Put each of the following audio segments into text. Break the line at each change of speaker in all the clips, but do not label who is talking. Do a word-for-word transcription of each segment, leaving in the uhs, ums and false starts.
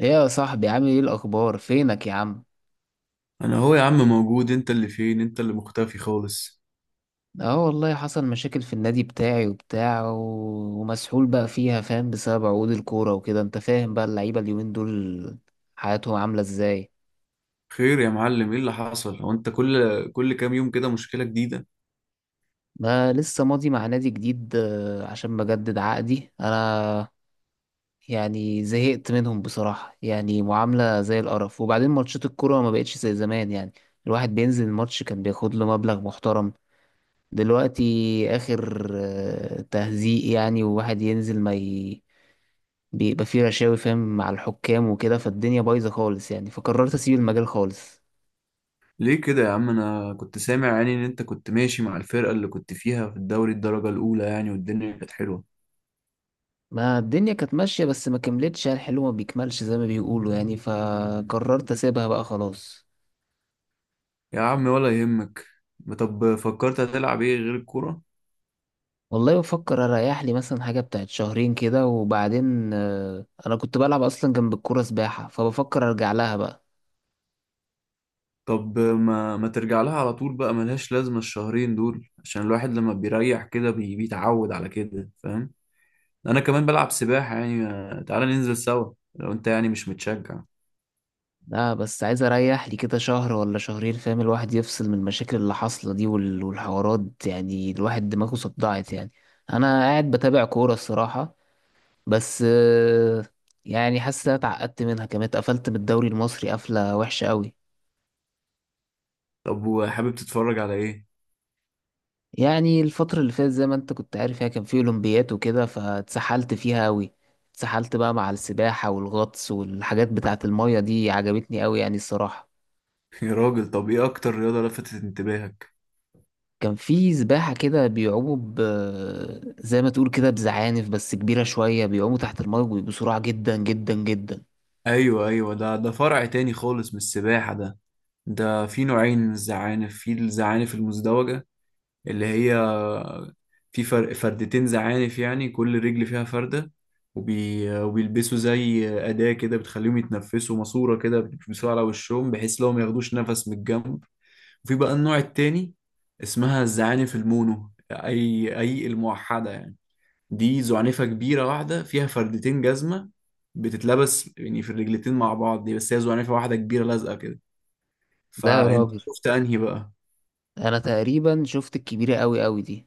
ايه يا صاحبي؟ عامل ايه الاخبار؟ فينك يا عم؟
انا هو يا عم موجود، انت اللي فين، انت اللي مختفي خالص.
اه والله، حصل مشاكل في النادي بتاعي وبتاع و- ومسحول بقى فيها، فاهم؟ بسبب عقود الكورة وكده. انت فاهم بقى اللعيبة اليومين دول حياتهم عاملة ازاي.
خير يا معلم، ايه اللي حصل؟ هو انت كل كل كام يوم كده مشكلة جديدة؟
ما لسه ماضي مع نادي جديد، آه، عشان بجدد عقدي انا. يعني زهقت منهم بصراحة، يعني معاملة زي القرف. وبعدين ماتشات الكورة ما بقتش زي زمان يعني. الواحد بينزل الماتش كان بياخد له مبلغ محترم. دلوقتي آخر آه، تهزيق يعني، وواحد ينزل ما ي... بيبقى فيه رشاوي فاهم، مع الحكام وكده. فالدنيا بايظة خالص يعني، فقررت أسيب المجال خالص.
ليه كده يا عم؟ انا كنت سامع يعني ان انت كنت ماشي مع الفرقة اللي كنت فيها في الدوري الدرجة الاولى، يعني والدنيا كانت حلوة.
ما الدنيا كانت ماشية، بس ما كملتش، يعني الحلو ما بيكملش زي ما بيقولوا يعني، فقررت أسيبها بقى خلاص.
يا عم ولا يهمك. طب فكرت هتلعب ايه غير الكورة؟
والله بفكر أريح لي مثلا حاجة بتاعت شهرين كده، وبعدين آه، أنا كنت بلعب أصلا جنب الكورة سباحة، فبفكر أرجع لها بقى.
طب ما ما ترجع لها على طول بقى، ملهاش لازمة الشهرين دول، عشان الواحد لما بيريح كده بي- بيتعود على كده، فاهم؟ انا كمان بلعب سباحة يعني. آه، تعالى ننزل سوا لو انت يعني مش متشجع.
لا بس عايز اريح لي كده شهر ولا شهرين، فاهم؟ الواحد يفصل من المشاكل اللي حاصله دي وال- والحوارات، يعني الواحد دماغه صدعت يعني. انا قاعد بتابع كوره الصراحه، بس آه، يعني حاسس إن أنا اتعقدت منها كمان. اتقفلت من الدوري المصري قفله وحشه قوي.
طب وحابب تتفرج على ايه؟
يعني الفتره اللي فاتت زي ما انت كنت عارف، يعني كان في اولمبيات وكده، فاتسحلت فيها قوي. اتسحلت بقى مع السباحه والغطس والحاجات بتاعه الميه دي، عجبتني قوي يعني الصراحه.
يا راجل، طب ايه اكتر رياضة لفتت انتباهك؟
كان في سباحة كده بيعوموا ب... زي ما تقول كده بزعانف، بس كبيرة شوية، بيعوموا تحت الماء بسرعة جدا جدا جدا.
ايوه، ايوه، ده ده فرع تاني خالص من السباحة ده. ده في نوعين من الزعانف، في الزعانف المزدوجة، اللي هي في فرق فردتين زعانف، يعني كل رجل فيها فردة. وبي... وبيلبسوا زي أداة كده بتخليهم يتنفسوا، ماسورة كده بيلبسوها على وشهم بحيث لو ما ياخدوش نفس من الجنب. وفي بقى النوع التاني، اسمها الزعانف المونو، أي أي الموحدة يعني. دي زعنفة كبيرة واحدة فيها فردتين جزمة، بتتلبس يعني في الرجلتين مع بعض، دي بس هي زعنفة واحدة كبيرة لازقة كده.
لا يا
فأنت
راجل،
شفت أنهي بقى؟
أنا تقريبا شفت الكبيرة أوي أوي دي.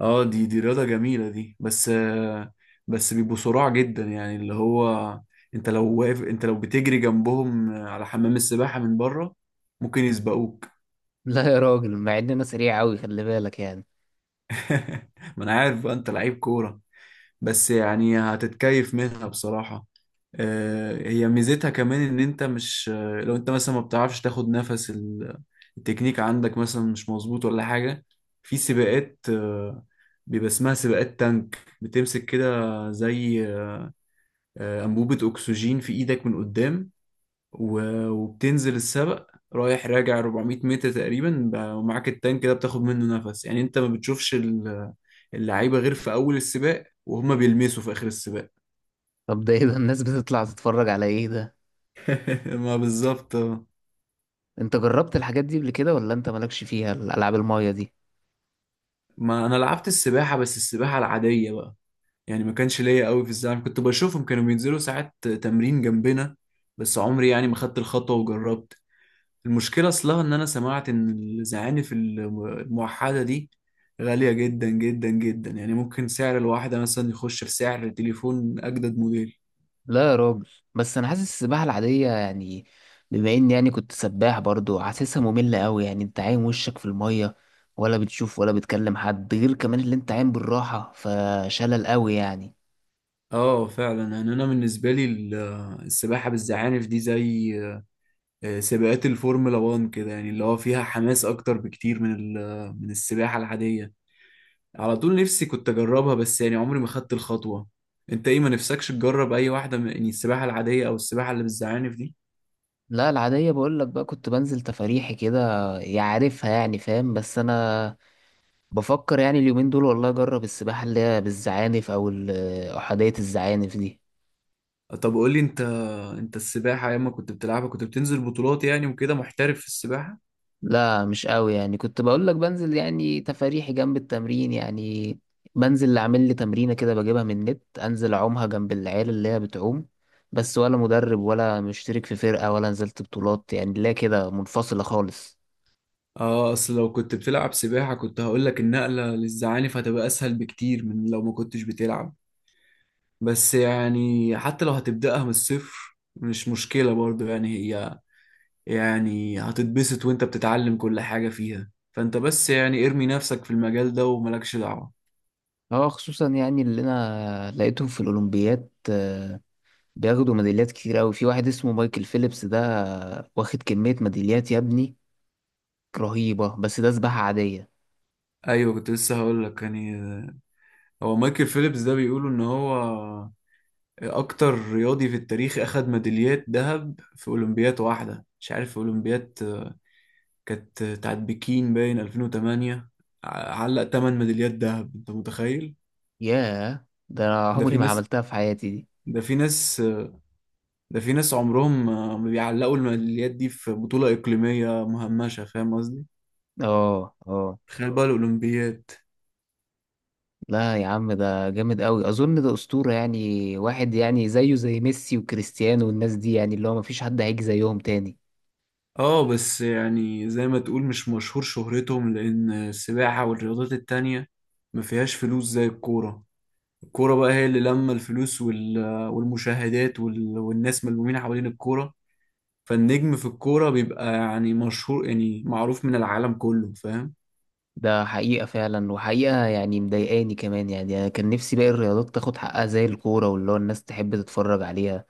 اه، دي دي رياضة جميلة دي، بس آه، بس بيبقوا صراع جدا يعني، اللي هو انت لو واقف انت لو بتجري جنبهم على حمام السباحة من بره، ممكن يسبقوك.
لا يا راجل، مع إن أنا سريع أوي، خلي بالك يعني.
ما انا عارف بقى، انت لعيب كورة، بس يعني هتتكيف منها بصراحة. آه، هي ميزتها كمان ان انت مش آه، لو انت مثلا ما بتعرفش تاخد نفس، ال- التكنيك عندك مثلا مش مظبوط ولا حاجة، في سباقات آه، بيبقى اسمها سباقات تانك، بتمسك كده زي آه، أنبوبة أكسجين في إيدك من قدام، و- وبتنزل السبق رايح راجع 400 متر تقريبا، ب- ومعاك التانك ده بتاخد منه نفس يعني، انت ما بتشوفش ال- اللعيبة غير في أول السباق، وهما بيلمسوا في آخر السباق.
طب ده إيه ده، الناس بتطلع تتفرج على إيه ده؟
ما بالظبط، آه.
أنت جربت الحاجات دي قبل كده، ولا أنت مالكش فيها الألعاب الماية دي؟
ما انا لعبت السباحه، بس السباحه العاديه بقى، يعني ما كانش ليا قوي في الزعم، كنت بشوفهم كانوا بينزلوا ساعات تمرين جنبنا، بس عمري يعني ما خدت الخطوه وجربت. المشكله اصلها ان انا سمعت ان الزعانف الم- الموحده دي غاليه جدا جدا جدا، يعني ممكن سعر الواحده مثلا يخش في سعر تليفون اجدد موديل.
لا يا راجل، بس انا حاسس السباحه العاديه يعني، بما اني يعني كنت سباح برضو، حاسسها ممله قوي يعني. انت عايم وشك في الميه، ولا بتشوف ولا بتكلم حد، غير كمان اللي انت عايم بالراحه، فشلل قوي يعني.
اه، فعلا يعني، انا بالنسبه لي ال- السباحه بالزعانف دي زي آه، سباقات الفورمولا واحد كده، يعني اللي هو فيها حماس اكتر بكتير من ال- من السباحة العادية. على طول نفسي كنت اجربها، بس يعني عمري ما خدت الخطوة. انت ايه، ما نفسكش تجرب اي واحدة من يعني السباحة العادية او السباحة اللي بالزعانف دي؟
لا العاديه بقول لك بقى، كنت بنزل تفاريحي كده، يعرفها يعني فاهم، بس انا بفكر يعني اليومين دول والله اجرب السباحه اللي هي بالزعانف او ال- احاديه الزعانف دي.
طب قول لي انت، انت السباحة ايام ما كنت بتلعبها كنت بتنزل بطولات يعني وكده، محترف في السباحة؟
لا مش قوي يعني، كنت بقول لك بنزل يعني تفاريحي جنب التمرين يعني. بنزل اللي عامل لي تمرينة كده، بجيبها من النت، انزل اعومها جنب العيال اللي هي بتعوم. بس ولا مدرب ولا مشترك في فرقة ولا نزلت بطولات يعني، لا كده منفصلة خالص.
اه، اصل لو كنت بتلعب سباحة كنت هقول لك النقلة للزعانف هتبقى اسهل بكتير من لو ما كنتش بتلعب، بس يعني حتى لو هتبدأها من الصفر مش مشكلة برضو، يعني هي يعني هتتبسط وانت بتتعلم كل حاجة فيها، فانت بس يعني ارمي نفسك في المجال ده وملكش دعوة.
اه خصوصا يعني اللي انا لقيتهم في الاولمبيات، آه، بياخدوا ميداليات كتير قوي. في واحد اسمه مايكل فيليبس ده، آه، واخد كمية ميداليات يا ابني رهيبة، بس ده سباحة عادية.
ايوه، كنت لسه هقول لك يعني، هو مايكل فيليبس ده بيقولوا ان هو اكتر رياضي في التاريخ اخد ميداليات ذهب في اولمبياد واحدة، مش عارف في اولمبياد كانت بتاعت بكين باين ألفين وثمانية، ع- علق 8 ميداليات ذهب، انت متخيل؟
ياه، ده أنا
ده في
عمري ما
ناس
عملتها في حياتي دي.
ده في ناس ده في ناس عمرهم ما بيعلقوا الميداليات دي في بطولة إقليمية مهمشة، فاهم؟
اه، اه.
تخيل بقى الأولمبياد.
لا يا عم، ده جامد قوي، اظن ده اسطوره يعني، واحد يعني زيه زي ميسي وكريستيانو والناس دي، يعني اللي هو مفيش حد هيجي زيهم تاني.
اه، بس يعني زي ما تقول مش مشهور شهرتهم، لأن السباحة والرياضات التانية ما فيهاش فلوس زي الكورة. الكورة بقى هي اللي لما الفلوس وال... والمشاهدات وال... والناس ملمومين حوالين الكورة، فالنجم في الكورة بيبقى يعني مشهور يعني، معروف من العالم كله، فاهم؟
ده حقيقه فعلا، وحقيقه يعني مضايقاني كمان. يعني انا كان نفسي باقي الرياضات تاخد حقها زي الكوره، واللي هو الناس تحب تتفرج عليها.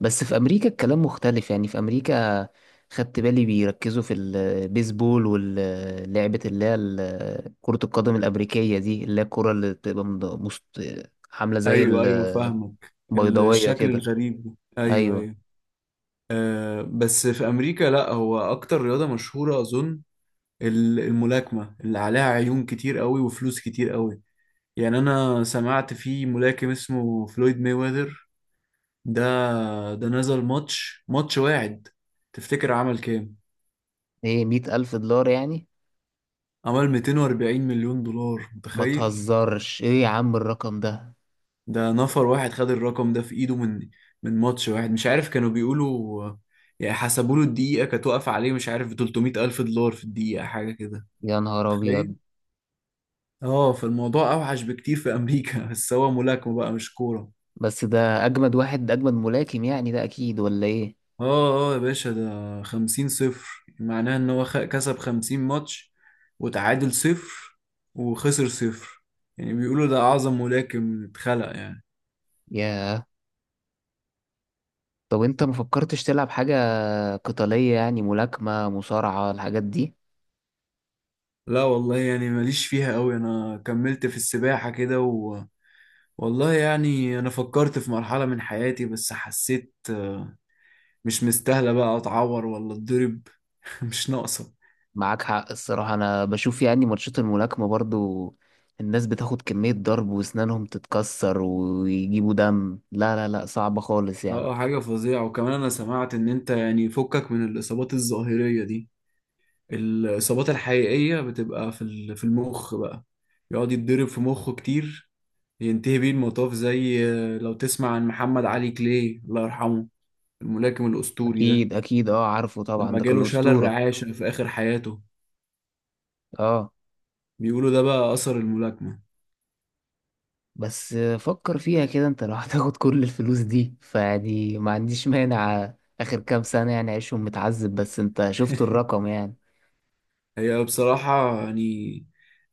بس في امريكا الكلام مختلف، يعني في امريكا خدت بالي بيركزوا في البيسبول، واللعبه اللي هي ال- كره القدم الامريكيه دي، اللي هي الكره اللي بتبقى مض- مست- عامله زي
أيوه، أيوه،
ال
فاهمك
بيضاوية
الشكل
كده.
الغريب ده. أيوه،
أيوة.
أيوه. بس في أمريكا لأ، هو أكتر رياضة مشهورة أظن ال- الملاكمة، اللي عليها عيون كتير قوي وفلوس كتير قوي. يعني أنا سمعت في ملاكم اسمه فلويد مايويذر ده، ده نزل ماتش ماتش واحد، تفتكر عمل كام؟
إيه، مية ألف دولار يعني؟
عمل ميتين واربعين مليون دولار مليون دولار،
ما
متخيل؟
تهزرش، إيه يا عم الرقم ده؟
ده نفر واحد خد الرقم ده في إيده من من ماتش واحد، مش عارف كانوا بيقولوا، يعني حسبوا له الدقيقة كانت واقفة عليه، مش عارف ب تلتميت ألف دولار ألف دولار في الدقيقة، حاجة كده.
يا نهار أبيض.
تخيل؟ اه، فالموضوع أوحش بكتير في أمريكا. بس هو ملاكمة بقى مش كورة.
بس ده أجمد واحد، ده أجمد ملاكم يعني، ده أكيد ولا إيه؟
اه، اه، يا باشا، ده خمسين صفر معناه ان هو خ- كسب خمسين ماتش، وتعادل صفر، وخسر صفر. يعني بيقولوا ده اعظم ملاكم اتخلق يعني.
ياه. طب أنت ما فكرتش تلعب حاجة قتالية، يعني ملاكمة، مصارعة، الحاجات دي؟
لا والله يعني ماليش فيها قوي، انا كملت في السباحة كده و... والله يعني انا فكرت في مرحلة من حياتي، بس حسيت آه، مش مستاهلة بقى اتعور ولا اتضرب. مش ناقصة.
معاك حق الصراحة. أنا بشوف يعني ماتشات الملاكمة برضو، الناس بتاخد كمية ضرب وأسنانهم تتكسر ويجيبوا دم، لا لا لا، صعبة خالص يعني.
اه، آه، حاجة فظيعة. وكمان انا سمعت ان انت يعني، فكك من الاصابات الظاهرية دي، الإصابات الحقيقية بتبقى في ال- في المخ بقى، يقعد يتضرب في مخه كتير، ينتهي بيه المطاف زي، آه، لو تسمع عن محمد علي كلاي الله يرحمه، الملاكم الأسطوري ده،
أكيد أكيد، أه عارفه طبعا،
لما
ده كان
جاله شلل
أسطورة.
رعاشة في آخر حياته،
اه.
بيقولوا ده بقى أثر الملاكمة.
بس فكر فيها كده، انت لو هتاخد كل الفلوس دي، فيعني ما عنديش مانع. اخر كام سنة يعني اعيشهم متعذب، بس انت شفت الرقم يعني.
هي بصراحة يعني،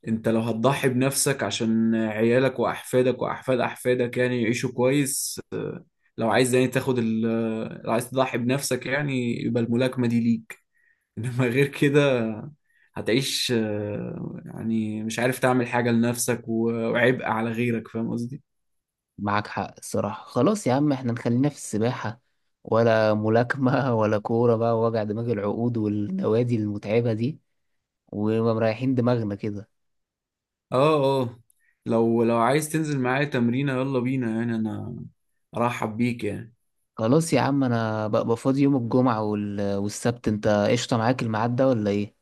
انت لو هتضحي بنفسك عشان عيالك وأحفادك وأحفاد أحفادك يعني يعيشوا كويس، لو عايز يعني تاخد ال لو عايز تضحي بنفسك يعني، يبقى الملاكمة دي ليك. انما غير كده هتعيش آه، يعني مش عارف تعمل حاجة لنفسك، و- وعبء على غيرك، فاهم قصدي؟
معاك حق الصراحة. خلاص يا عم، احنا نخلينا في السباحة ولا ملاكمة، ولا كورة بقى، ووجع دماغ العقود والنوادي المتعبة دي، ومريحين دماغنا كده.
اه، اه. لو لو عايز تنزل معايا تمرينة يلا بينا يعني، انا ارحب بيك يعني.
خلاص يا عم، انا بقى فاضي يوم الجمعة وال- والسبت. انت قشطة معاك الميعاد ده، ولا ايه؟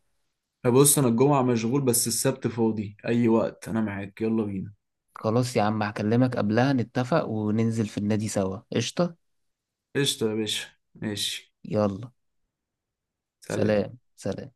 بص انا الجمعة مشغول، بس السبت فاضي اي وقت، انا معاك يلا بينا.
خلاص يا عم، هكلمك قبلها نتفق، وننزل في النادي سوا، قشطة.
قشطة يا باشا. ماشي.
يلا.
سلام.
سلام. سلام.